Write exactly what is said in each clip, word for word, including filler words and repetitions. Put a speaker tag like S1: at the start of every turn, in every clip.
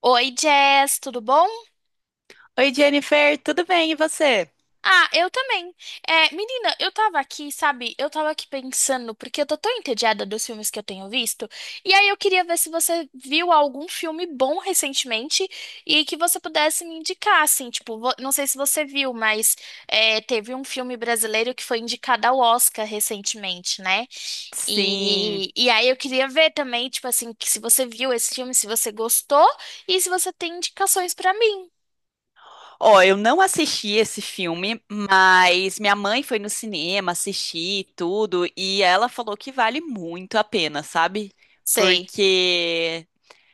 S1: Oi, Jess, tudo bom?
S2: Oi, Jennifer, tudo bem? E você?
S1: Ah, eu também. É, menina, eu tava aqui, sabe? Eu tava aqui pensando, porque eu tô tão entediada dos filmes que eu tenho visto, e aí eu queria ver se você viu algum filme bom recentemente e que você pudesse me indicar, assim, tipo, vo- não sei se você viu, mas é, teve um filme brasileiro que foi indicado ao Oscar recentemente, né?
S2: Sim.
S1: E, e aí eu queria ver também, tipo assim, que se você viu esse filme, se você gostou e se você tem indicações pra mim.
S2: Ó, eu não assisti esse filme, mas minha mãe foi no cinema assistir e tudo e ela falou que vale muito a pena, sabe?
S1: Sei.
S2: Porque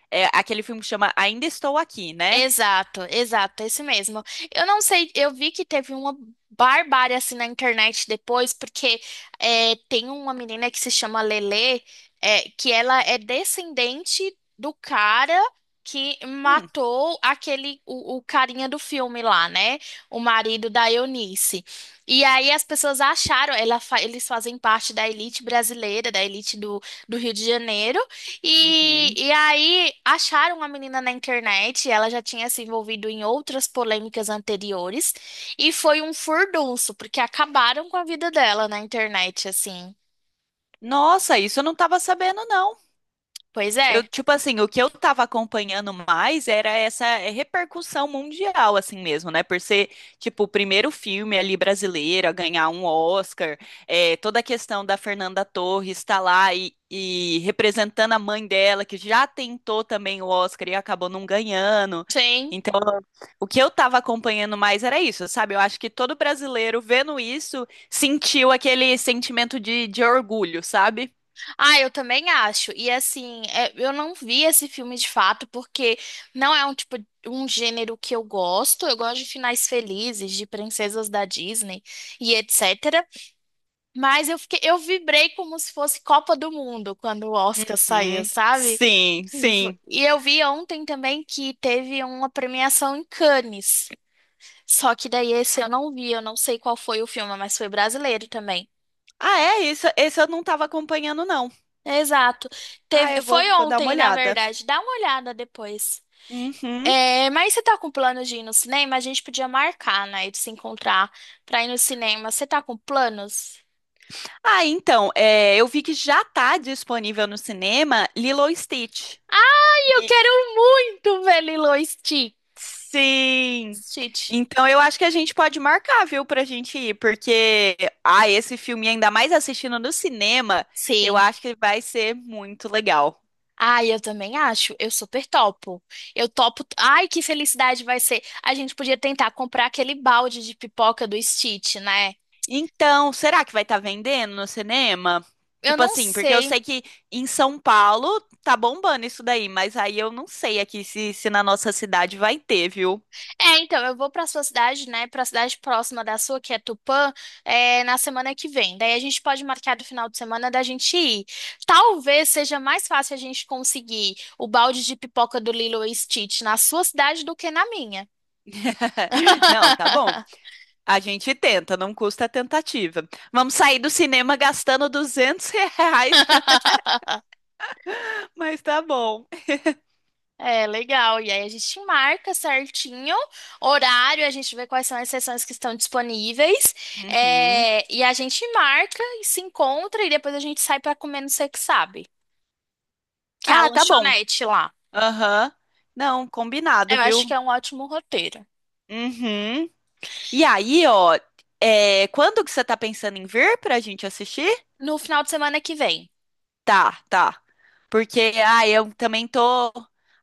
S2: é, aquele filme que chama Ainda Estou Aqui, né?
S1: Exato, exato, é isso mesmo. Eu não sei, eu vi que teve uma barbárie assim na internet depois, porque é, tem uma menina que se chama Lelê, é, que ela é descendente do cara que
S2: Hum,
S1: matou aquele, o, o carinha do filme lá, né? O marido da Eunice. E aí as pessoas acharam, ela fa- eles fazem parte da elite brasileira, da elite do, do Rio de Janeiro. E,
S2: uhum.
S1: e aí acharam a menina na internet, ela já tinha se envolvido em outras polêmicas anteriores, e foi um furdunço, porque acabaram com a vida dela na internet, assim.
S2: Nossa, isso eu não tava sabendo, não.
S1: Pois é.
S2: Eu, tipo assim, o que eu tava acompanhando mais era essa é, repercussão mundial, assim mesmo, né? Por ser, tipo, o primeiro filme ali brasileiro a ganhar um Oscar, é, toda a questão da Fernanda Torres estar lá e, e representando a mãe dela, que já tentou também o Oscar e acabou não ganhando.
S1: Sim.
S2: Então, o que eu tava acompanhando mais era isso, sabe? Eu acho que todo brasileiro vendo isso sentiu aquele sentimento de, de orgulho, sabe?
S1: Ah, eu também acho. E assim, é, eu não vi esse filme de fato, porque não é um tipo, um gênero que eu gosto. Eu gosto de finais felizes, de princesas da Disney e etcétera. Mas eu fiquei, eu vibrei como se fosse Copa do Mundo quando o Oscar saiu,
S2: Uhum.
S1: sabe?
S2: Sim,
S1: E fo-
S2: sim.
S1: e eu vi ontem também que teve uma premiação em Cannes. Só que daí esse eu não vi, eu não sei qual foi o filme, mas foi brasileiro também.
S2: Ah, é isso. Esse eu não estava acompanhando, não.
S1: Exato.
S2: Ah,
S1: Teve,
S2: eu vou,
S1: foi
S2: vou dar uma
S1: ontem, na
S2: olhada.
S1: verdade. Dá uma olhada depois.
S2: Uhum.
S1: É, mas você tá com plano de ir no cinema? A gente podia marcar, né, de se encontrar pra ir no cinema. Você tá com planos?
S2: Ah, então, é, eu vi que já está disponível no cinema Lilo e Stitch.
S1: Ai, eu
S2: E-
S1: quero muito ver Lilo e Stitch.
S2: Sim.
S1: Stitch.
S2: Então eu acho que a gente pode marcar, viu, pra gente ir, porque ah, esse filme, ainda mais assistindo no cinema, eu
S1: Sim.
S2: acho que vai ser muito legal.
S1: Ai, eu também acho. Eu super topo. Eu topo. Ai, que felicidade vai ser. A gente podia tentar comprar aquele balde de pipoca do Stitch, né?
S2: Então, será que vai estar vendendo no cinema?
S1: Eu
S2: Tipo
S1: não
S2: assim, porque eu
S1: sei.
S2: sei que em São Paulo tá bombando isso daí, mas aí eu não sei aqui se, se na nossa cidade vai ter, viu?
S1: É, então, eu vou pra sua cidade, né? Pra cidade próxima da sua, que é Tupã, é, na semana que vem. Daí a gente pode marcar do final de semana da gente ir. Talvez seja mais fácil a gente conseguir o balde de pipoca do Lilo e Stitch na sua cidade do que na minha.
S2: Não, tá bom. A gente tenta, não custa a tentativa. Vamos sair do cinema gastando duzentos reais, mas tá bom.
S1: É, legal. E aí a gente marca certinho horário, a gente vê quais são as sessões que estão disponíveis.
S2: Uhum.
S1: é, e a gente marca e se encontra e depois a gente sai pra comer no Sei Que Sabe, que é a
S2: Ah, tá bom.
S1: lanchonete lá.
S2: Aham. Não, combinado,
S1: Eu acho que
S2: viu?
S1: é um ótimo roteiro.
S2: Uhum. E aí, ó, é, quando que você tá pensando em vir pra gente assistir?
S1: No final de semana que vem.
S2: Tá, tá. Porque, ah, eu também tô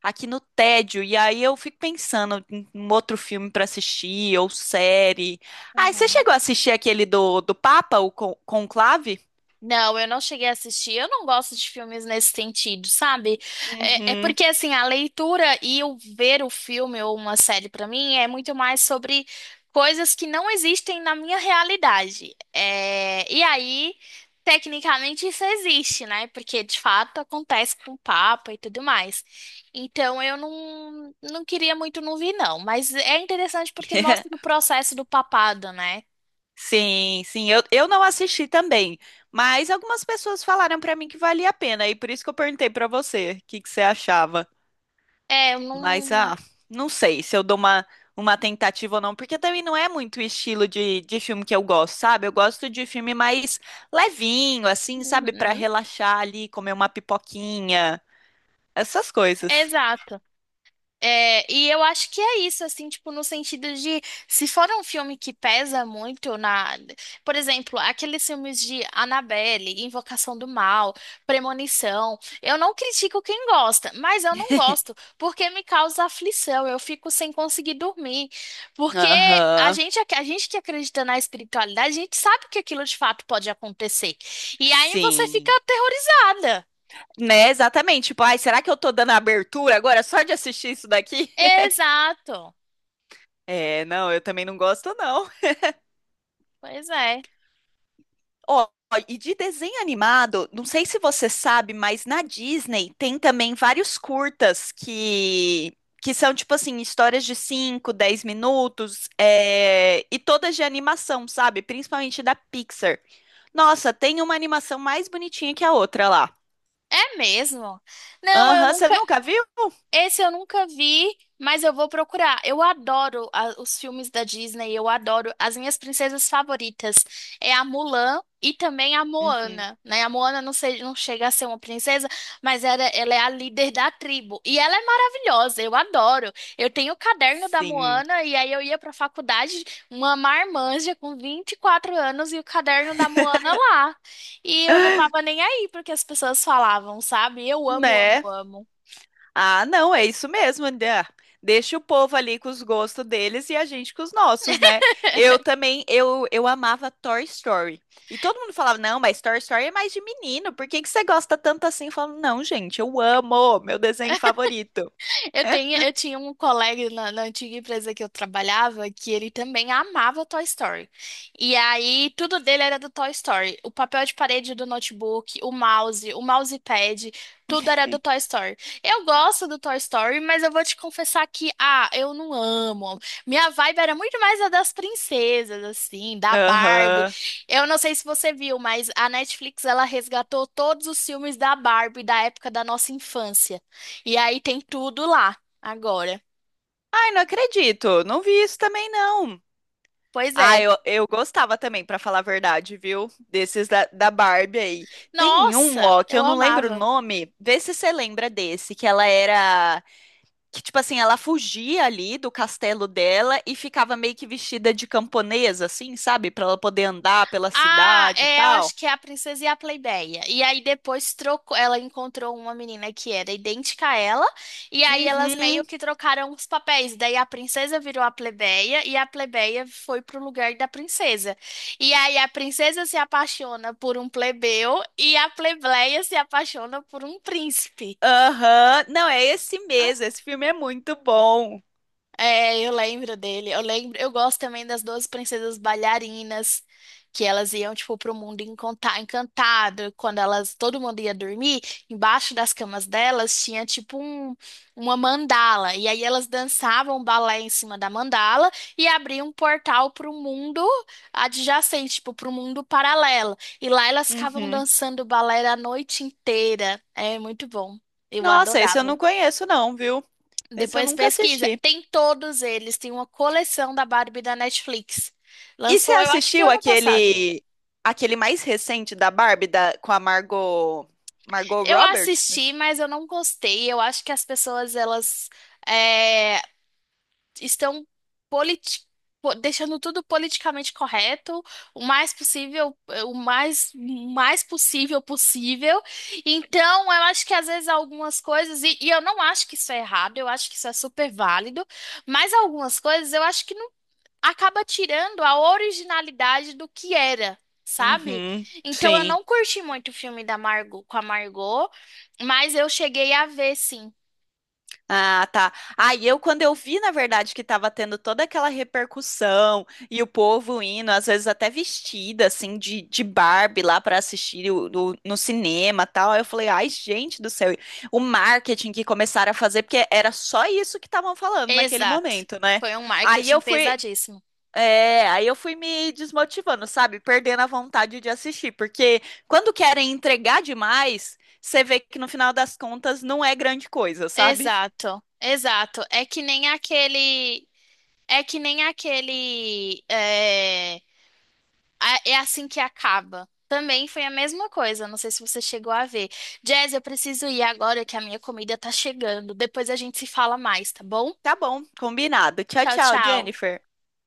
S2: aqui no tédio, e aí eu fico pensando em um outro filme pra assistir, ou série. Ah, você
S1: Uhum.
S2: chegou a assistir aquele do, do Papa, o Con- Conclave?
S1: Não, eu não cheguei a assistir. Eu não gosto de filmes nesse sentido, sabe? É, é
S2: Uhum.
S1: porque, assim, a leitura e o ver o filme ou uma série, pra mim, é muito mais sobre coisas que não existem na minha realidade. É, e aí, tecnicamente, isso existe, né? Porque, de fato, acontece com o Papa e tudo mais. Então, eu não, não queria muito não vir, não. Mas é interessante porque mostra o processo do papado, né?
S2: Sim, sim, eu, eu não assisti também, mas algumas pessoas falaram pra mim que valia a pena, e por isso que eu perguntei pra você o que que você achava.
S1: É, eu
S2: Mas,
S1: não.
S2: ah, não sei se eu dou uma, uma tentativa ou não, porque também não é muito o estilo de, de filme que eu gosto, sabe? Eu gosto de filme mais levinho, assim, sabe? Pra
S1: Uhum,
S2: relaxar ali, comer uma pipoquinha, essas coisas.
S1: exato. É, e eu acho que é isso, assim, tipo, no sentido de, se for um filme que pesa muito na, por exemplo, aqueles filmes de Annabelle, Invocação do Mal, Premonição, eu não critico quem gosta, mas eu não gosto, porque me causa aflição, eu fico sem conseguir dormir, porque a
S2: Aham,
S1: gente, ac- a gente que acredita na espiritualidade, a gente sabe que aquilo de fato pode acontecer, e aí você fica
S2: sim.
S1: aterrorizada.
S2: Né, exatamente. Tipo, ai, será que eu tô dando abertura agora só de assistir isso daqui?
S1: Exato,
S2: É, não, eu também não gosto, não.
S1: pois é.
S2: Ó, e de desenho animado, não sei se você sabe, mas na Disney tem também vários curtas que, que são, tipo assim, histórias de cinco dez minutos, é, e todas de animação, sabe? Principalmente da Pixar. Nossa, tem uma animação mais bonitinha que a outra lá.
S1: É mesmo? Não, eu
S2: Aham, você
S1: nunca,
S2: nunca viu?
S1: esse eu nunca vi, mas eu vou procurar. Eu adoro a- os filmes da Disney, eu adoro. As minhas princesas favoritas é a Mulan e também a
S2: Uhum,
S1: Moana, né? A Moana não, sei, não chega a ser uma princesa, mas ela, ela é a líder da tribo. E ela é maravilhosa, eu adoro. Eu tenho o caderno da
S2: sim.
S1: Moana e aí eu ia pra faculdade, uma marmanja com vinte e quatro anos e o caderno da Moana lá. E eu não tava nem aí porque as pessoas falavam, sabe? Eu amo, amo,
S2: Né?
S1: amo.
S2: Ah, não, é isso mesmo, André. Deixa o povo ali com os gostos deles e a gente com os nossos, né? Eu também, eu, eu amava Toy Story. E todo mundo falava, não, mas Toy Story é mais de menino, por que que você gosta tanto assim? Eu falo, não, gente, eu amo, meu desenho favorito.
S1: Eu tenho, eu tinha um colega na, na antiga empresa que eu trabalhava que ele também amava Toy Story. E aí, tudo dele era do Toy Story. O papel de parede do notebook, o mouse, o mousepad, tudo era do Toy Story. Eu gosto do Toy Story, mas eu vou te confessar que, ah, eu não amo. Minha vibe era muito mais a das princesas, assim, da Barbie.
S2: Aham.
S1: Eu não sei se você viu, mas a Netflix, ela resgatou todos os filmes da Barbie da época da nossa infância. E aí tem tudo lá agora.
S2: Ai, não acredito, não vi isso também, não.
S1: Pois
S2: Ah,
S1: é.
S2: eu, eu gostava também, pra falar a verdade, viu? Desses da, da Barbie aí. Tem um,
S1: Nossa,
S2: ó, que
S1: eu
S2: eu não lembro o
S1: amava.
S2: nome, vê se você lembra desse, que ela era. Que, tipo assim, ela fugia ali do castelo dela e ficava meio que vestida de camponesa, assim, sabe? Pra ela poder andar pela
S1: Ah,
S2: cidade e
S1: é, eu acho
S2: tal.
S1: que é a Princesa e a Plebeia. E aí depois trocou, ela encontrou uma menina que era idêntica a ela, e aí elas
S2: Uhum,
S1: meio que trocaram os papéis. Daí a princesa virou a plebeia e a plebeia foi pro lugar da princesa. E aí a princesa se apaixona por um plebeu e a plebeia se apaixona por um príncipe.
S2: aham. Não, é esse mesmo. Esse filme é muito bom.
S1: É, eu lembro dele. Eu lembro, eu gosto também das doze princesas bailarinas, que elas iam tipo pro mundo enconta- encantado, quando elas todo mundo ia dormir, embaixo das camas delas tinha tipo um, uma mandala, e aí elas dançavam balé em cima da mandala e abriam um portal pro mundo adjacente, tipo pro mundo paralelo. E lá elas ficavam
S2: Uhum.
S1: dançando balé a noite inteira. É muito bom. Eu
S2: Nossa, esse eu
S1: adorava.
S2: não conheço, não, viu? Esse eu
S1: Depois
S2: nunca
S1: pesquisa.
S2: assisti.
S1: Tem todos eles. Tem uma coleção da Barbie da Netflix.
S2: E você
S1: Lançou, eu acho que
S2: assistiu
S1: ano passado.
S2: aquele aquele mais recente da Barbie da, com a Margot Margot
S1: Eu
S2: Robert?
S1: assisti, mas eu não gostei. Eu acho que as pessoas, elas é, estão politi- po- deixando tudo politicamente correto, o mais possível, o mais, mais possível possível. Então, eu acho que às vezes algumas coisas, e, e eu não acho que isso é errado, eu acho que isso é super válido, mas algumas coisas eu acho que não acaba tirando a originalidade do que era, sabe?
S2: Uhum,
S1: Então eu
S2: sim.
S1: não curti muito o filme da Margot com a Margot, mas eu cheguei a ver sim.
S2: Ah, tá. Aí eu, quando eu vi, na verdade, que tava tendo toda aquela repercussão e o povo indo, às vezes até vestida, assim, de, de Barbie lá pra assistir o- do- no cinema e tal, aí eu falei, ai, gente do céu, o marketing que começaram a fazer, porque era só isso que estavam falando naquele
S1: Exato.
S2: momento, né?
S1: Foi um
S2: Aí
S1: marketing
S2: eu fui.
S1: pesadíssimo.
S2: É, aí eu fui me desmotivando, sabe? Perdendo a vontade de assistir, porque quando querem entregar demais, você vê que no final das contas não é grande coisa, sabe?
S1: Exato. Exato. É que nem aquele é que nem aquele é, a- é assim que acaba. Também foi a mesma coisa, não sei se você chegou a ver. Jazz, eu preciso ir agora que a minha comida tá chegando. Depois a gente se fala mais, tá bom?
S2: Tá bom, combinado. Tchau,
S1: Tchau,
S2: tchau,
S1: tchau.
S2: Jennifer.